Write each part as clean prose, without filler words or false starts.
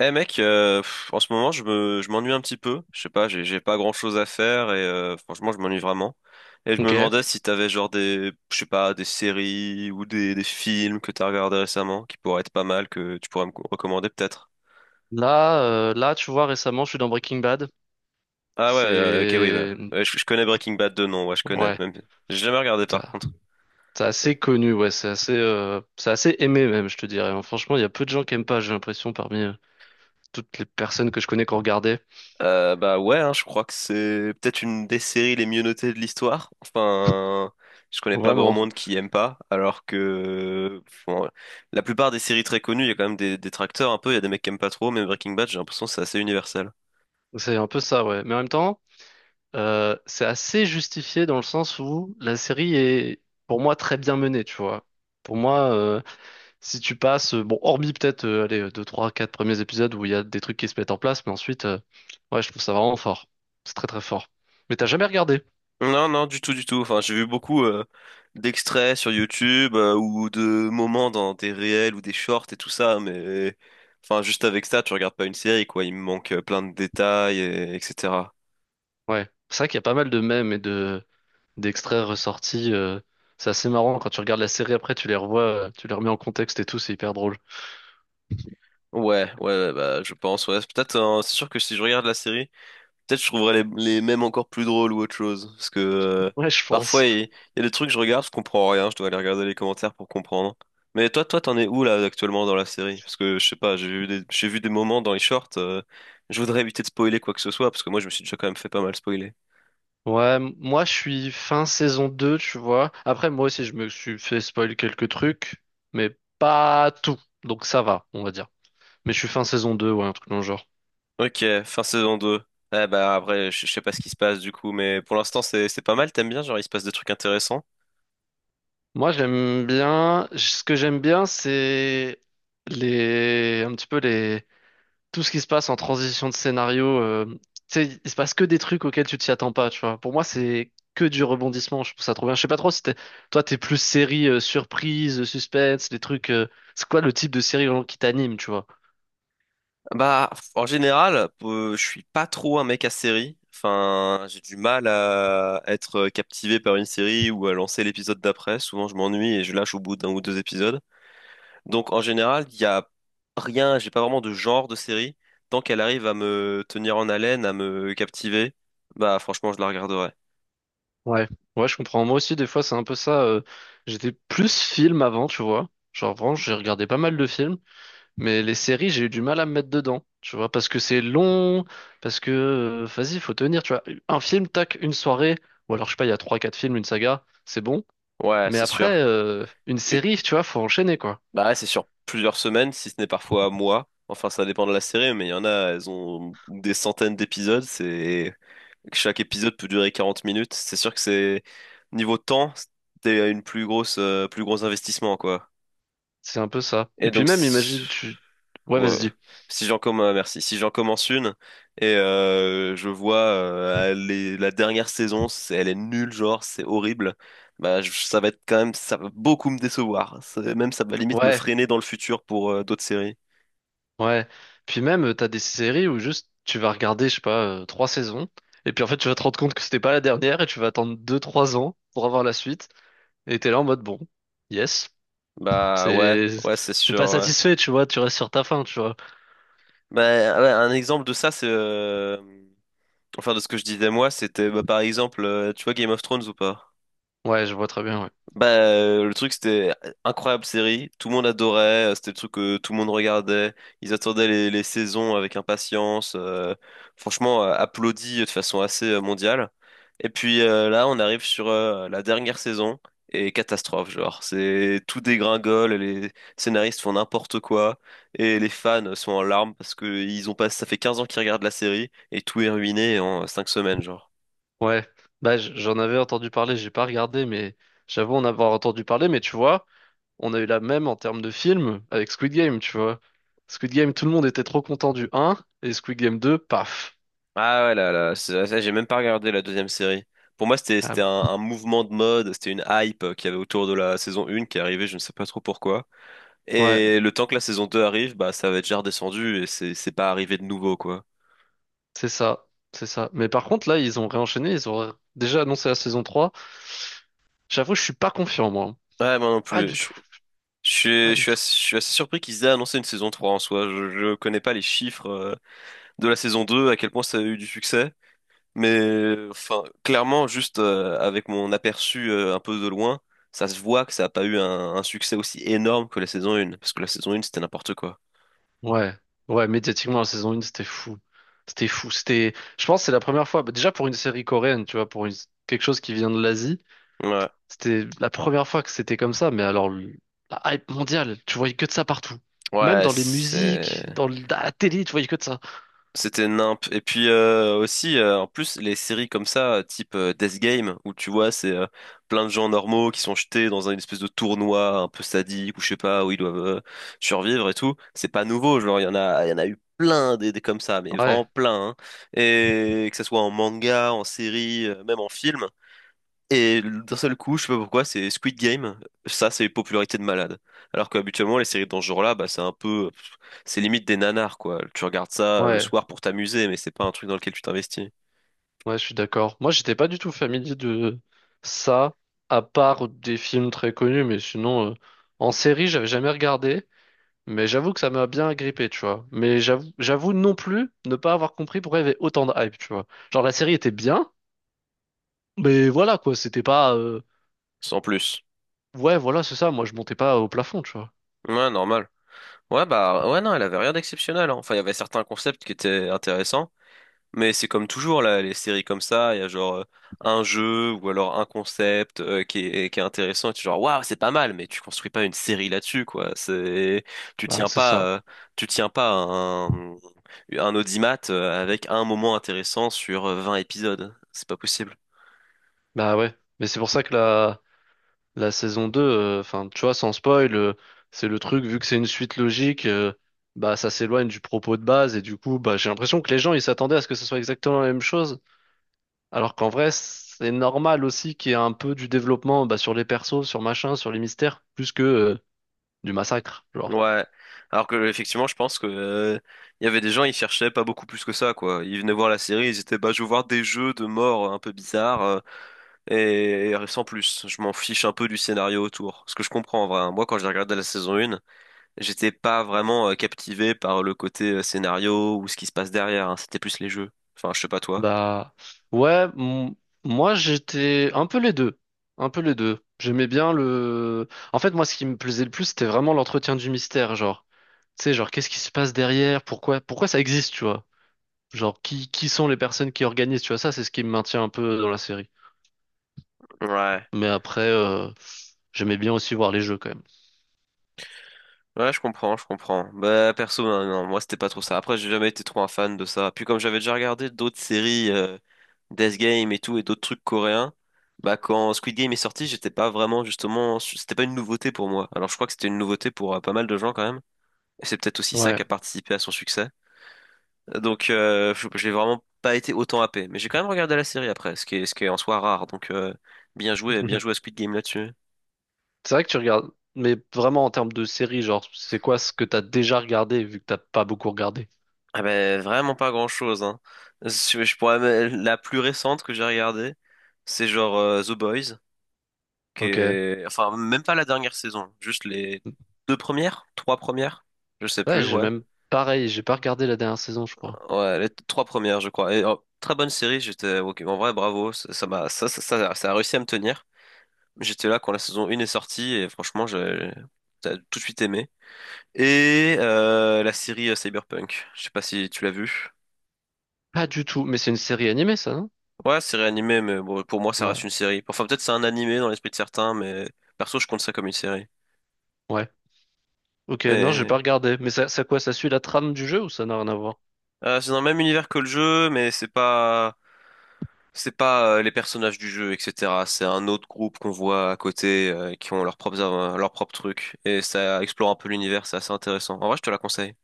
Eh mec, en ce moment je m'ennuie un petit peu. Je sais pas, j'ai pas grand chose à faire et franchement je m'ennuie vraiment. Et je me Ok. demandais si t'avais genre je sais pas, des séries ou des films que t'as regardé récemment qui pourraient être pas mal que tu pourrais me recommander peut-être. Là, là, tu vois, récemment, je suis dans Breaking Bad. Ah ouais, ok oui, bah, C'est ouais, je connais Breaking Bad de nom, ouais je connais. ouais, Même, j'ai jamais regardé par t'as- contre. c'est assez connu, ouais, c'est assez aimé même, je te dirais, hein. Franchement, il y a peu de gens qui aiment pas, j'ai l'impression, parmi toutes les personnes que je connais qui ont regardé. Bah ouais, hein, je crois que c'est peut-être une des séries les mieux notées de l'histoire. Enfin, je connais pas grand Vraiment, monde qui aime pas, alors que bon, la plupart des séries très connues, il y a quand même des détracteurs un peu, il y a des mecs qui aiment pas trop, mais Breaking Bad, j'ai l'impression que c'est assez universel. c'est un peu ça, ouais. Mais en même temps, c'est assez justifié dans le sens où la série est, pour moi, très bien menée, tu vois. Pour moi, si tu passes, bon, hormis peut-être, allez, 2, 3, 4 premiers épisodes où il y a des trucs qui se mettent en place, mais ensuite, ouais, je trouve ça vraiment fort. C'est très très fort. Mais t'as jamais regardé? Non, non, du tout, du tout. Enfin, j'ai vu beaucoup d'extraits sur YouTube ou de moments dans des réels ou des shorts et tout ça, mais enfin, juste avec ça, tu regardes pas une série, quoi. Il me manque plein de détails, et etc. Ouais. C'est vrai qu'il y a pas mal de mèmes et de d'extraits ressortis. C'est assez marrant quand tu regardes la série après, tu les revois, tu les remets en contexte et tout, c'est hyper drôle. Ouais, ouais, ouais, bah, je pense, ouais. Peut-être, c'est sûr que si je regarde la série. Peut-être je trouverais les mêmes encore plus drôles ou autre chose. Parce que Ouais, je parfois, pense. il y a des trucs que je regarde, je comprends rien, je dois aller regarder les commentaires pour comprendre. Mais toi, toi, t'en es où là actuellement dans la série? Parce que je sais pas, j'ai vu des moments dans les shorts, je voudrais éviter de spoiler quoi que ce soit, parce que moi je me suis déjà quand même fait pas mal spoiler. Ouais, moi je suis fin saison 2, tu vois. Après, moi aussi, je me suis fait spoil quelques trucs, mais pas tout. Donc ça va, on va dire. Mais je suis fin saison 2, ouais, un truc dans le genre. Ok, fin saison 2. Eh bah après, je sais pas ce qui se passe du coup, mais pour l'instant c'est pas mal, t'aimes bien, genre il se passe des trucs intéressants. Moi, j'aime bien. Ce que j'aime bien, c'est les un petit peu les tout ce qui se passe en transition de scénario. Tu sais, il se passe que des trucs auxquels tu t'y attends pas. Tu vois. Pour moi, c'est que du rebondissement. Je trouve ça trop bien. Je sais pas trop si t'es... toi, t'es plus série surprise, suspense, des trucs. C'est quoi le type de série vraiment qui t'anime, tu vois? Bah, en général, je suis pas trop un mec à série. Enfin, j'ai du mal à être captivé par une série ou à lancer l'épisode d'après. Souvent, je m'ennuie et je lâche au bout d'un ou deux épisodes. Donc, en général, il y a rien, j'ai pas vraiment de genre de série. Tant qu'elle arrive à me tenir en haleine, à me captiver, bah, franchement, je la regarderai. Ouais. Ouais, je comprends. Moi aussi, des fois, c'est un peu ça. J'étais plus film avant, tu vois. Genre, vraiment, j'ai regardé pas mal de films. Mais les séries, j'ai eu du mal à me mettre dedans, tu vois, parce que c'est long, parce que, vas-y, faut tenir, tu vois. Un film, tac, une soirée, ou alors, je sais pas, il y a trois, quatre films, une saga, c'est bon. Ouais, Mais c'est après, sûr. Une U- série, tu vois, faut enchaîner, quoi. Bah, ouais, c'est sur plusieurs semaines, si ce n'est parfois mois. Enfin, ça dépend de la série, mais il y en a, elles ont des centaines d'épisodes. C'est Chaque épisode peut durer 40 minutes. C'est sûr que c'est niveau temps, c'était une plus grosse, plus gros investissement quoi. C'est un peu ça. Et Et puis donc même, si imagine, tu... Ouais, Ouais. vas-y, dis. Si j'en commence, merci. Si j'en commence une et je vois la dernière saison, elle est nulle, genre c'est horrible. Bah, ça va être quand même, ça va beaucoup me décevoir. Même ça va limite me Ouais, freiner dans le futur pour d'autres séries. ouais. Puis même, t'as des séries où juste, tu vas regarder, je sais pas, trois saisons, et puis en fait, tu vas te rendre compte que c'était pas la dernière, et tu vas attendre deux, trois ans pour avoir la suite, et t'es là en mode, bon, yes. Bah ouais, C'est, ouais c'est c'est pas sûr. Ouais. satisfait, tu vois, tu restes sur ta faim, tu vois. Bah ouais, un exemple de ça c'est enfin, de ce que je disais moi, c'était bah, par exemple, tu vois Game of Thrones ou pas? Ouais, je vois très bien, ouais. Bah, le truc, c'était incroyable série, tout le monde adorait, c'était le truc que tout le monde regardait, ils attendaient les saisons avec impatience, franchement, applaudi de façon assez mondiale. Et puis là, on arrive sur la dernière saison, et catastrophe, genre, c'est tout dégringole, les scénaristes font n'importe quoi, et les fans sont en larmes parce que ils ont pas, ça fait 15 ans qu'ils regardent la série, et tout est ruiné en 5 semaines, genre. Ouais, bah j'en avais entendu parler, j'ai pas regardé, mais j'avoue en avoir entendu parler, mais tu vois, on a eu la même en termes de film avec Squid Game, tu vois. Squid Game, tout le monde était trop content du un et Squid Game 2 paf. Ah ouais, là, là, ça, j'ai même pas regardé la deuxième série. Pour moi, c'était, Ah, c'était un, un mouvement de mode, c'était une hype qu'il y avait autour de la saison 1 qui arrivait, je ne sais pas trop pourquoi. ouais, Et le temps que la saison 2 arrive, bah, ça va être déjà redescendu et c'est pas arrivé de nouveau, quoi. c'est ça, c'est ça. Mais par contre, là, ils ont réenchaîné, ils ont déjà annoncé la saison trois. J'avoue, je suis pas confiant, moi. Ouais, moi non Pas plus. du Je, tout, je suis, pas je du suis tout. assez, je suis assez surpris qu'ils aient annoncé une saison 3 en soi. Je connais pas les chiffres de la saison 2, à quel point ça a eu du succès. Mais enfin, clairement, juste avec mon aperçu un peu de loin, ça se voit que ça n'a pas eu un succès aussi énorme que la saison 1, parce que la saison 1, c'était n'importe quoi. Ouais, ouais, médiatiquement, la saison 1, c'était fou. C'était fou. C'était, je pense, que c'est la première fois, bah, déjà pour une série coréenne, tu vois, pour quelque chose qui vient de l'Asie, Ouais, c'était la première fois que c'était comme ça, mais alors, la hype mondiale, tu voyais que de ça partout. Même ouais, dans les musiques, dans dans la télé, tu voyais que de ça. c'était nimp. Et puis aussi, en plus, les séries comme ça, type Death Game, où tu vois, c'est plein de gens normaux qui sont jetés dans une espèce de tournoi un peu sadique, ou je sais pas, où ils doivent survivre et tout. C'est pas nouveau, genre, il y en a eu plein des comme ça, mais Ouais, vraiment plein. Hein. Et que ce soit en manga, en série, même en film. Et d'un seul coup, je sais pas pourquoi, c'est Squid Game. Ça, c'est popularité de malade. Alors qu'habituellement, les séries dans ce genre-là, bah, c'est un peu, c'est limite des nanars, quoi. Tu regardes ça le ouais, soir pour t'amuser, mais c'est pas un truc dans lequel tu t'investis. ouais, je suis d'accord. Moi, j'étais pas du tout familier de ça, à part des films très connus, mais sinon, en série, j'avais jamais regardé. Mais j'avoue que ça m'a bien agrippé, tu vois. Mais j'avoue non plus ne pas avoir compris pourquoi il y avait autant de hype, tu vois. Genre la série était bien, mais voilà quoi, c'était pas. Sans plus. Ouais, voilà, c'est ça. Moi, je montais pas au plafond, tu vois. Ouais, normal. Ouais, bah, ouais, non, elle avait rien d'exceptionnel, hein. Enfin, il y avait certains concepts qui étaient intéressants, mais c'est comme toujours, là, les séries comme ça, il y a genre un jeu ou alors un concept qui est intéressant et tu es genre waouh, c'est pas mal, mais tu construis pas une série là-dessus, quoi. C'est tu Bah, tiens c'est pas ça. euh, tu tiens pas un audimat avec un moment intéressant sur 20 épisodes. C'est pas possible. Bah ouais. Mais c'est pour ça que la saison 2, enfin, tu vois, sans spoil, c'est le truc, vu que c'est une suite logique, bah, ça s'éloigne du propos de base, et du coup, bah, j'ai l'impression que les gens, ils s'attendaient à ce que ce soit exactement la même chose, alors qu'en vrai, c'est normal aussi qu'il y ait un peu du développement, bah, sur les persos, sur machin, sur les mystères, plus que, du massacre, genre. Ouais. Alors que effectivement, je pense que il y avait des gens, ils cherchaient pas beaucoup plus que ça, quoi. Ils venaient voir la série, ils étaient bah je veux voir des jeux de mort un peu bizarres. Et sans plus, je m'en fiche un peu du scénario autour. Ce que je comprends en vrai, hein. Moi quand j'ai regardé la saison 1, j'étais pas vraiment captivé par le côté scénario ou ce qui se passe derrière, hein. C'était plus les jeux. Enfin, je sais pas toi. Bah ouais, moi j'étais un peu les deux, un peu les deux. J'aimais bien le. En fait, moi, ce qui me plaisait le plus, c'était vraiment l'entretien du mystère, genre. Tu sais, genre qu'est-ce qui se passe derrière, pourquoi, pourquoi ça existe, tu vois. Genre qui sont les personnes qui organisent, tu vois. Ça, c'est ce qui me maintient un peu dans la série. Ouais. Mais après, j'aimais bien aussi voir les jeux quand même. Ouais, je comprends, je comprends. Bah perso, non, non, moi c'était pas trop ça. Après, j'ai jamais été trop un fan de ça. Puis comme j'avais déjà regardé d'autres séries, Death Game et tout, et d'autres trucs coréens, bah quand Squid Game est sorti, j'étais pas vraiment justement, c'était pas une nouveauté pour moi. Alors je crois que c'était une nouveauté pour pas mal de gens quand même. Et c'est peut-être aussi ça Ouais. qui a participé à son succès. Donc, je j'ai vraiment pas été autant happé. Mais j'ai quand même regardé la série après, ce qui est en soi rare. Donc, bien joué à Squid Game là-dessus. C'est vrai que tu regardes, mais vraiment en termes de série, genre c'est quoi ce que t'as déjà regardé vu que t'as pas beaucoup regardé. Ah ben, vraiment pas grand-chose, hein. La plus récente que j'ai regardée, c'est genre The Boys, Ok. Enfin, même pas la dernière saison, juste les deux premières, trois premières, je sais Ouais, plus, j'ai ouais. même pareil, j'ai pas regardé la dernière saison, je crois. Ouais, les trois premières, je crois. Et, oh, très bonne série, ok, en vrai, bravo. Ça ça m'a... Ça, ça, ça, ça a réussi à me tenir. J'étais là quand la saison 1 est sortie et franchement, j'ai t'as tout de suite aimé. Et la série Cyberpunk, je sais pas si tu l'as vue. Pas du tout, mais c'est une série animée, ça, non? Ouais, c'est réanimé, mais bon, pour moi, ça reste Ouais, une série. Enfin, peut-être c'est un animé dans l'esprit de certains, mais perso, je compte ça comme une série. ouais. Ok, non, j'ai Et pas regardé. Mais ça quoi, ça suit la trame du jeu ou ça n'a rien à voir? C'est dans le même univers que le jeu, mais c'est pas les personnages du jeu, etc. C'est un autre groupe qu'on voit à côté qui ont leurs propres trucs et ça explore un peu l'univers, c'est assez intéressant. En vrai, je te la conseille.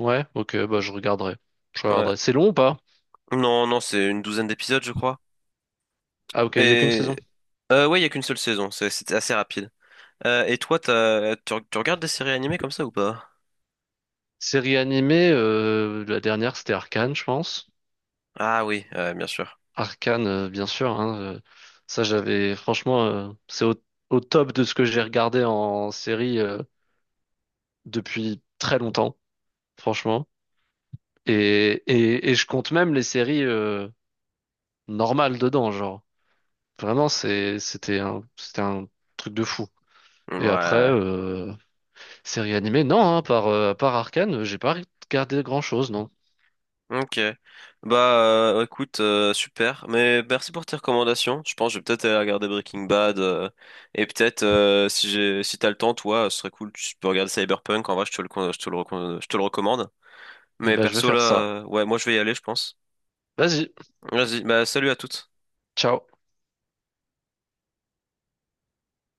Ouais, ok, bah je regarderai. Je Ouais. regarderai. C'est long ou pas? Non, non, c'est une douzaine d'épisodes, je crois. Ah ok, il y a qu'une Et saison. Ouais, il y a qu'une seule saison, c'était assez rapide. Et toi, tu regardes des séries animées comme ça ou pas? Série animée, la dernière c'était Arcane, je pense. Ah oui, bien sûr. Arcane, bien sûr, hein, ça, j'avais franchement, c'est au top de ce que j'ai regardé en série depuis très longtemps, franchement. Et je compte même les séries normal dedans, genre. Vraiment, c'était c'était un truc de fou. Mmh, Et après, ouais. Série animée, non, hein, à part Arcane, j'ai pas regardé grand-chose, non. Ok. Bah écoute, super. Mais merci pour tes recommandations. Je pense que je vais peut-être aller regarder Breaking Bad. Et peut-être si t'as le temps, toi, ce serait cool. Tu peux regarder Cyberpunk. En vrai, je te le recommande. Eh Mais ben, je vais perso là, faire ça. Ouais, moi je vais y aller, je pense. Vas-y, Vas-y, bah salut à toutes. ciao.